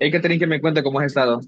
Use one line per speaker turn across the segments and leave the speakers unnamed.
Hay que tener que me cuenta cómo has estado.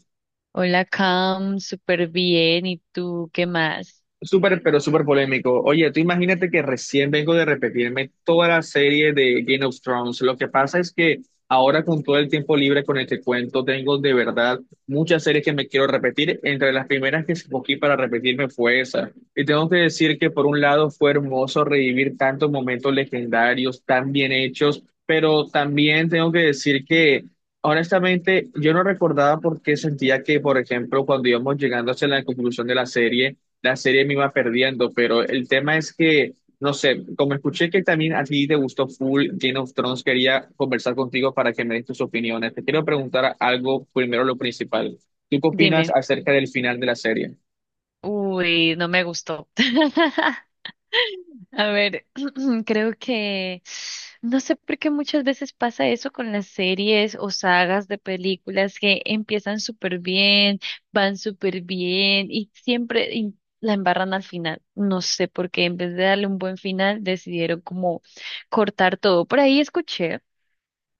Hola, Cam, súper bien. ¿Y tú qué más?
Súper, pero súper polémico. Oye, tú imagínate que recién vengo de repetirme toda la serie de Game of Thrones. Lo que pasa es que ahora con todo el tiempo libre con este cuento, tengo de verdad muchas series que me quiero repetir. Entre las primeras que escogí para repetirme fue esa. Y tengo que decir que por un lado fue hermoso revivir tantos momentos legendarios, tan bien hechos, pero también tengo que decir que... Honestamente, yo no recordaba por qué sentía que, por ejemplo, cuando íbamos llegando hacia la conclusión de la serie me iba perdiendo, pero el tema es que, no sé, como escuché que también a ti te gustó full Game of Thrones, quería conversar contigo para que me des tus opiniones. Te quiero preguntar algo primero, lo principal. ¿Tú qué opinas
Dime.
acerca del final de la serie?
Uy, no me gustó. A ver, creo que no sé por qué muchas veces pasa eso con las series o sagas de películas que empiezan súper bien, van súper bien y siempre la embarran al final. No sé por qué, en vez de darle un buen final, decidieron como cortar todo. Por ahí escuché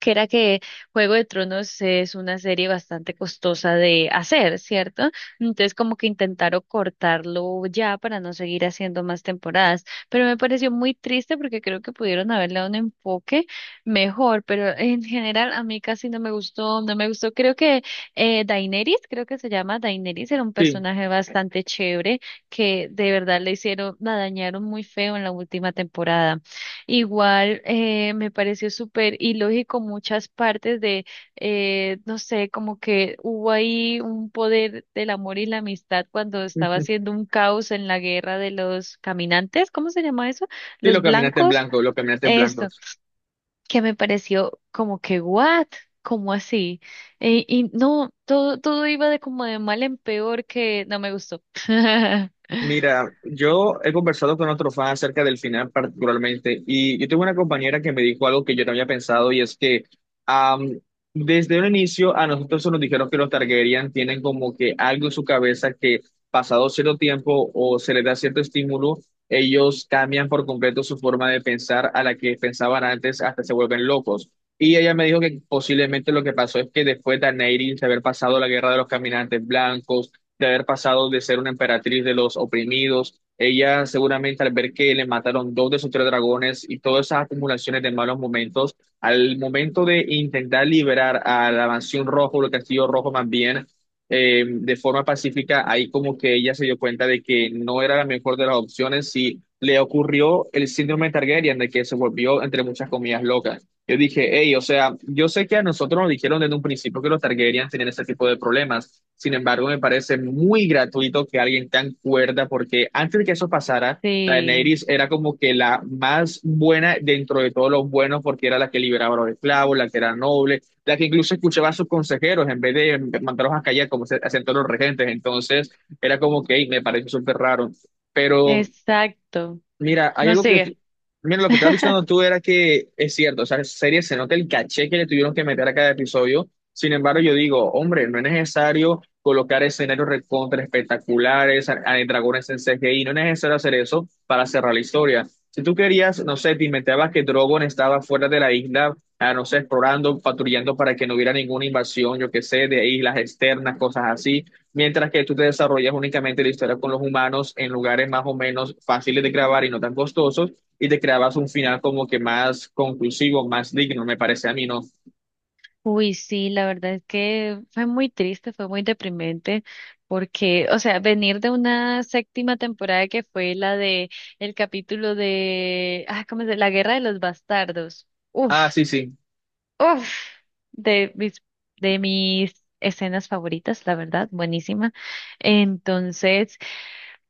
que era que Juego de Tronos es una serie bastante costosa de hacer, ¿cierto? Entonces como que intentaron cortarlo ya para no seguir haciendo más temporadas, pero me pareció muy triste porque creo que pudieron haberle dado un enfoque mejor, pero en general a mí casi no me gustó, no me gustó. Creo que Daenerys, creo que se llama Daenerys, era un
Sí.
personaje bastante chévere que de verdad le hicieron, la dañaron muy feo en la última temporada. Igual me pareció súper ilógico muchas partes no sé, como que hubo ahí un poder del amor y la amistad cuando estaba
Sí,
haciendo un caos en la guerra de los caminantes, ¿cómo se llama eso?
lo
Los
caminaste en
blancos,
blanco, lo caminaste en blanco.
eso, que me pareció como que, ¿what? ¿Cómo así? Y no, todo, todo iba de como de mal en peor que no me gustó.
Mira, yo he conversado con otro fan acerca del final particularmente y yo tuve una compañera que me dijo algo que yo no había pensado y es que am, desde un inicio a nosotros se nos dijeron que los Targaryen tienen como que algo en su cabeza que pasado cierto tiempo o se les da cierto estímulo, ellos cambian por completo su forma de pensar a la que pensaban antes hasta se vuelven locos. Y ella me dijo que posiblemente lo que pasó es que después de Daenerys haber pasado la guerra de los caminantes blancos, de haber pasado de ser una emperatriz de los oprimidos. Ella seguramente al ver que le mataron dos de sus tres dragones y todas esas acumulaciones de malos momentos, al momento de intentar liberar a la mansión rojo, o el castillo rojo más bien, de forma pacífica, ahí como que ella se dio cuenta de que no era la mejor de las opciones y le ocurrió el síndrome Targaryen, de que se volvió, entre muchas comillas, loca. Yo dije, hey, o sea, yo sé que a nosotros nos dijeron desde un principio que los Targaryen tenían ese tipo de problemas. Sin embargo, me parece muy gratuito que alguien tan cuerda, porque antes de que eso pasara,
Sí,
Daenerys era como que la más buena dentro de todos los buenos, porque era la que liberaba a los esclavos, la que era noble, la que incluso escuchaba a sus consejeros en vez de mandarlos a callar como se hacían todos los regentes. Entonces, era como que, hey, me parece súper raro. Pero
exacto.
mira, hay
No
algo que
sigue.
mira, lo que estás diciendo tú era que es cierto, o sea, en serie se nota el caché que le tuvieron que meter a cada episodio. Sin embargo, yo digo, hombre, no es necesario colocar escenarios recontra espectaculares, dragones en CGI, no es necesario hacer eso para cerrar la historia. Si tú querías, no sé, te inventabas que Drogon estaba fuera de la isla, ah, no sé, explorando, patrullando para que no hubiera ninguna invasión, yo qué sé, de islas externas, cosas así mientras que tú te desarrollas únicamente la historia con los humanos en lugares más o menos fáciles de grabar y no tan costosos, y te creabas un final como que más conclusivo, más digno, me parece a mí, ¿no?
Uy, sí, la verdad es que fue muy triste, fue muy deprimente, porque, o sea, venir de una séptima temporada que fue la de el capítulo de, ah, ¿cómo se? La Guerra de los Bastardos. Uf,
Ah, sí, sí.
uf, de mis, de mis escenas favoritas, la verdad, buenísima. Entonces,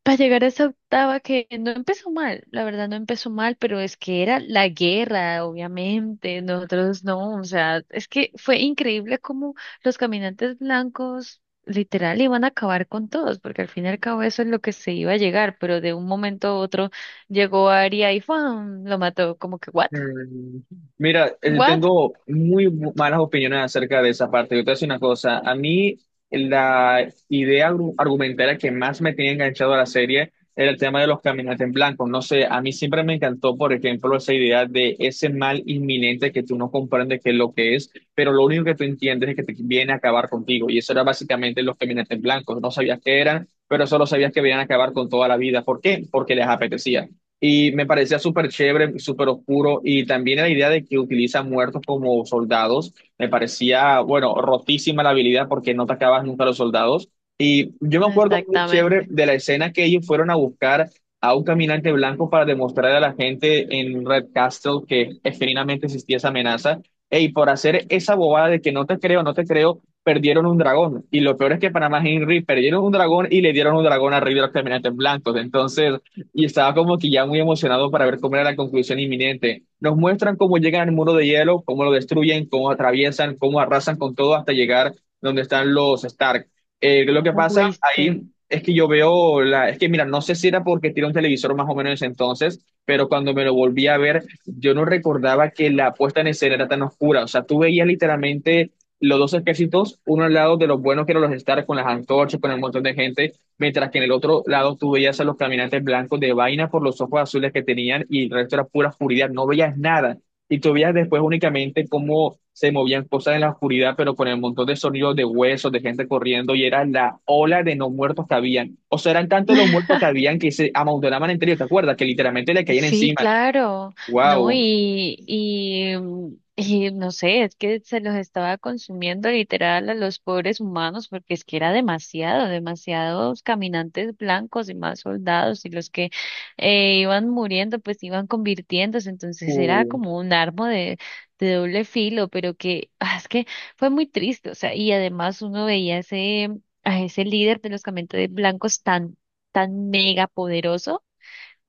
para llegar a esa octava que no empezó mal, la verdad no empezó mal, pero es que era la guerra, obviamente, nosotros no, o sea, es que fue increíble cómo los caminantes blancos literal iban a acabar con todos, porque al fin y al cabo eso es lo que se iba a llegar, pero de un momento a otro llegó Aria y ¡fum! Lo mató, como que, ¿what?
Mm. Mira,
¿What?
tengo muy malas opiniones acerca de esa parte. Yo te voy a decir una cosa. A mí, la idea argumentaria que más me tenía enganchado a la serie era el tema de los caminantes en blanco. No sé, a mí siempre me encantó, por ejemplo, esa idea de ese mal inminente que tú no comprendes qué es lo que es, pero lo único que tú entiendes es que te viene a acabar contigo. Y eso era básicamente los caminantes en blanco. No sabías qué eran, pero solo sabías que venían a acabar con toda la vida. ¿Por qué? Porque les apetecía. Y me parecía súper chévere, súper oscuro. Y también la idea de que utilizan muertos como soldados. Me parecía, bueno, rotísima la habilidad porque no atacabas nunca a los soldados. Y yo me acuerdo muy chévere
Exactamente.
de la escena que ellos fueron a buscar a un caminante blanco para demostrar a la gente en Red Castle que efectivamente existía esa amenaza. Y por hacer esa bobada de que no te creo, no te creo, perdieron un dragón. Y lo peor es que para más Henry perdieron un dragón y le dieron un dragón a Rey de los Caminantes Blancos. Entonces, y estaba como que ya muy emocionado para ver cómo era la conclusión inminente. Nos muestran cómo llegan al muro de hielo, cómo lo destruyen, cómo atraviesan, cómo arrasan con todo hasta llegar donde están los Stark. Lo que pasa ahí
Fuiste.
es que yo veo es que mira, no sé si era porque tiene un televisor más o menos en ese entonces, pero cuando me lo volví a ver, yo no recordaba que la puesta en escena era tan oscura. O sea, tú veías literalmente los dos ejércitos, uno al lado de los buenos que eran los Stark con las antorchas, con el montón de gente, mientras que en el otro lado tú veías a los caminantes blancos de vaina por los ojos azules que tenían y el resto era pura oscuridad, no veías nada. Y tú veías después únicamente cómo se movían cosas en la oscuridad, pero con el montón de sonidos de huesos, de gente corriendo, y era la ola de no muertos que habían. O sea, eran tantos los muertos que habían que se amontonaban entre ellos, ¿te acuerdas? Que literalmente le caían
Sí,
encima.
claro, no,
¡Wow!
mm, y no sé, es que se los estaba consumiendo literal a los pobres humanos porque es que era demasiado, demasiados caminantes blancos y más soldados y los que iban muriendo pues iban convirtiéndose, entonces era
Uh.
como un arma de doble filo, pero que ah, es que fue muy triste, o sea, y además uno veía ese, a ese líder de los caminantes blancos tan, tan mega poderoso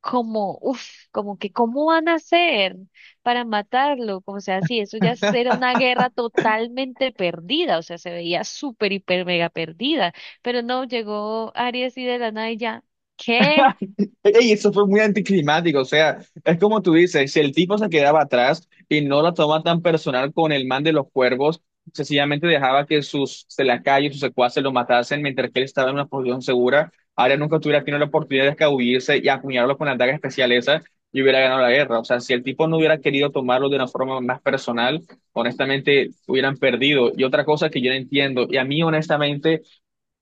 como, uff, como que cómo van a hacer para matarlo, como sea así, eso ya era una guerra totalmente perdida, o sea, se veía súper, hiper, mega perdida, pero no, llegó Aries y de la nada y ya, ¿qué?
Ey, eso fue muy anticlimático, o sea, es como tú dices, si el tipo se quedaba atrás y no la toma tan personal con el man de los cuervos, sencillamente dejaba que sus selacayos, sus secuaces lo matasen mientras que él estaba en una posición segura, ahora nunca tuviera tenido la oportunidad de escabullirse y acuñarlo con la daga especial esa y hubiera ganado la guerra. O sea, si el tipo no hubiera querido tomarlo de una forma más personal, honestamente hubieran perdido. Y otra cosa que yo no entiendo, y a mí honestamente...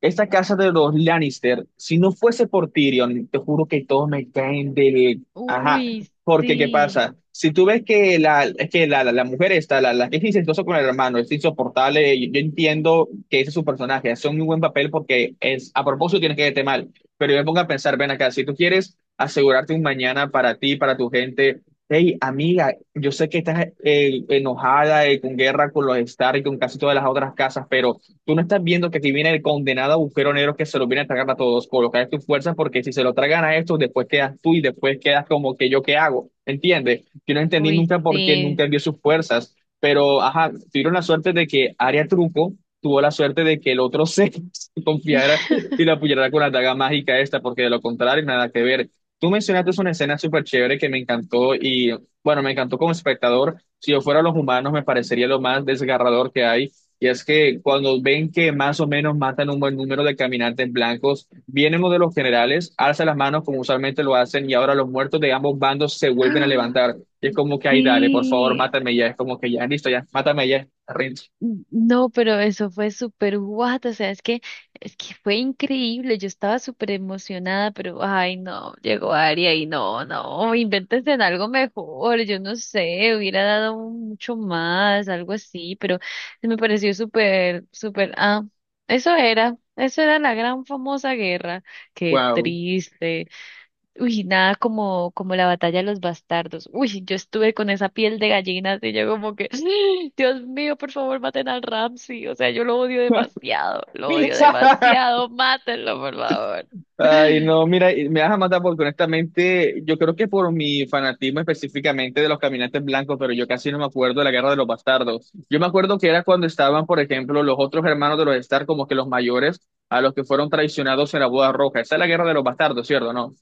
Esta casa de los Lannister, si no fuese por Tyrion, te juro que todos me caen del... Ajá,
Uy,
porque ¿qué
sí,
pasa? Si tú ves que es que la mujer está, la que es incestuosa con el hermano, es insoportable, y yo, entiendo que ese es su personaje, hace un muy buen papel porque es, a propósito tienes que verte mal, pero yo me pongo a pensar, ven acá, si tú quieres asegurarte un mañana para ti, para tu gente, hey, amiga, yo sé que estás enojada, con guerra con los Stark y con casi todas las otras casas, pero... Tú no estás viendo que aquí viene el condenado agujero negro que se lo viene a tragar a todos. Colocar tus fuerzas porque si se lo tragan a estos, después quedas tú y después quedas como que yo qué hago. ¿Entiendes? Yo no entendí
uy,
nunca por qué
sí.
nunca vio sus fuerzas. Pero, ajá, tuvieron la suerte de que Aria Truco tuvo la suerte de que el otro se, se confiara y la apoyara con la daga mágica esta, porque de lo contrario, nada que ver. Tú mencionaste una escena súper chévere que me encantó y, bueno, me encantó como espectador. Si yo fuera los humanos, me parecería lo más desgarrador que hay y es que cuando ven que más o menos matan un buen número de caminantes blancos, vienen uno de los generales, alza las manos como usualmente lo hacen y ahora los muertos de ambos bandos se vuelven a levantar. Y es como que, ay, dale, por favor,
Sí,
mátame ya. Es como que ya, listo, ya, mátame ya. Rinse.
no, pero eso fue súper guau, o sea, es que fue increíble, yo estaba súper emocionada, pero ay no, llegó Aria y no, no, invéntense en algo mejor, yo no sé, hubiera dado mucho más, algo así, pero me pareció súper, súper, ah, eso era la gran famosa guerra, qué
Wow.
triste. Uy, nada como, como la batalla de los bastardos. Uy, yo estuve con esa piel de gallina, y yo como que, Dios mío, por favor, maten al Ramsey. O sea, yo lo odio demasiado, mátenlo, por favor.
Ay, no, mira, y me vas a matar porque honestamente yo creo que por mi fanatismo específicamente de los caminantes blancos, pero yo casi no me acuerdo de la Guerra de los Bastardos. Yo me acuerdo que era cuando estaban, por ejemplo, los otros hermanos de los Stark, como que los mayores, a los que fueron traicionados en la Boda Roja. Esa es la Guerra de los Bastardos, ¿cierto? ¿No?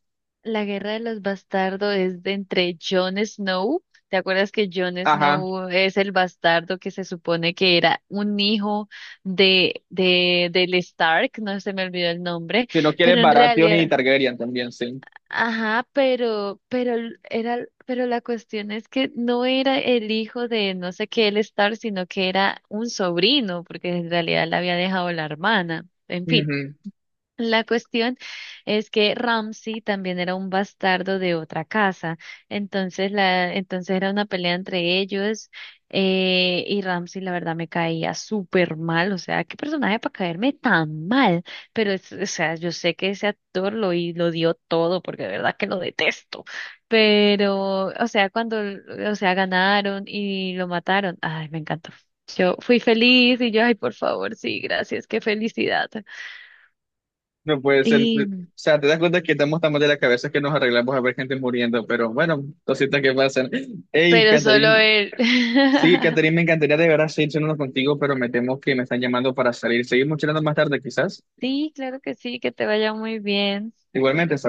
La guerra de los bastardos es de entre Jon Snow. ¿Te acuerdas que Jon
Ajá.
Snow es el bastardo que se supone que era un hijo del Stark? No se me olvidó el nombre,
Si no quieres
pero en
Baratheon y
realidad.
Targaryen también, sí.
Ajá, era, pero la cuestión es que no era el hijo de no sé qué el Star, sino que era un sobrino, porque en realidad la había dejado la hermana. En fin.
Ujú.
La cuestión es que Ramsey también era un bastardo de otra casa, entonces era una pelea entre ellos y Ramsey la verdad me caía súper mal, o sea, qué personaje para caerme tan mal, pero es, o sea, yo sé que ese actor lo, y lo dio todo porque de verdad que lo detesto, pero, o sea, o sea, ganaron y lo mataron, ay, me encantó. Yo fui feliz y yo, ay, por favor, sí, gracias, qué felicidad.
No puede ser. O
Y
sea, te das cuenta que estamos tan mal de la cabeza que nos arreglamos a ver gente muriendo, pero bueno, cositas que pasan. Hey,
pero solo
Catherine.
él.
Sí, Catherine, me encantaría de verdad seguir charlando contigo, pero me temo que me están llamando para salir. Seguimos charlando más tarde, quizás.
Sí, claro que sí, que te vaya muy bien.
Igualmente, hasta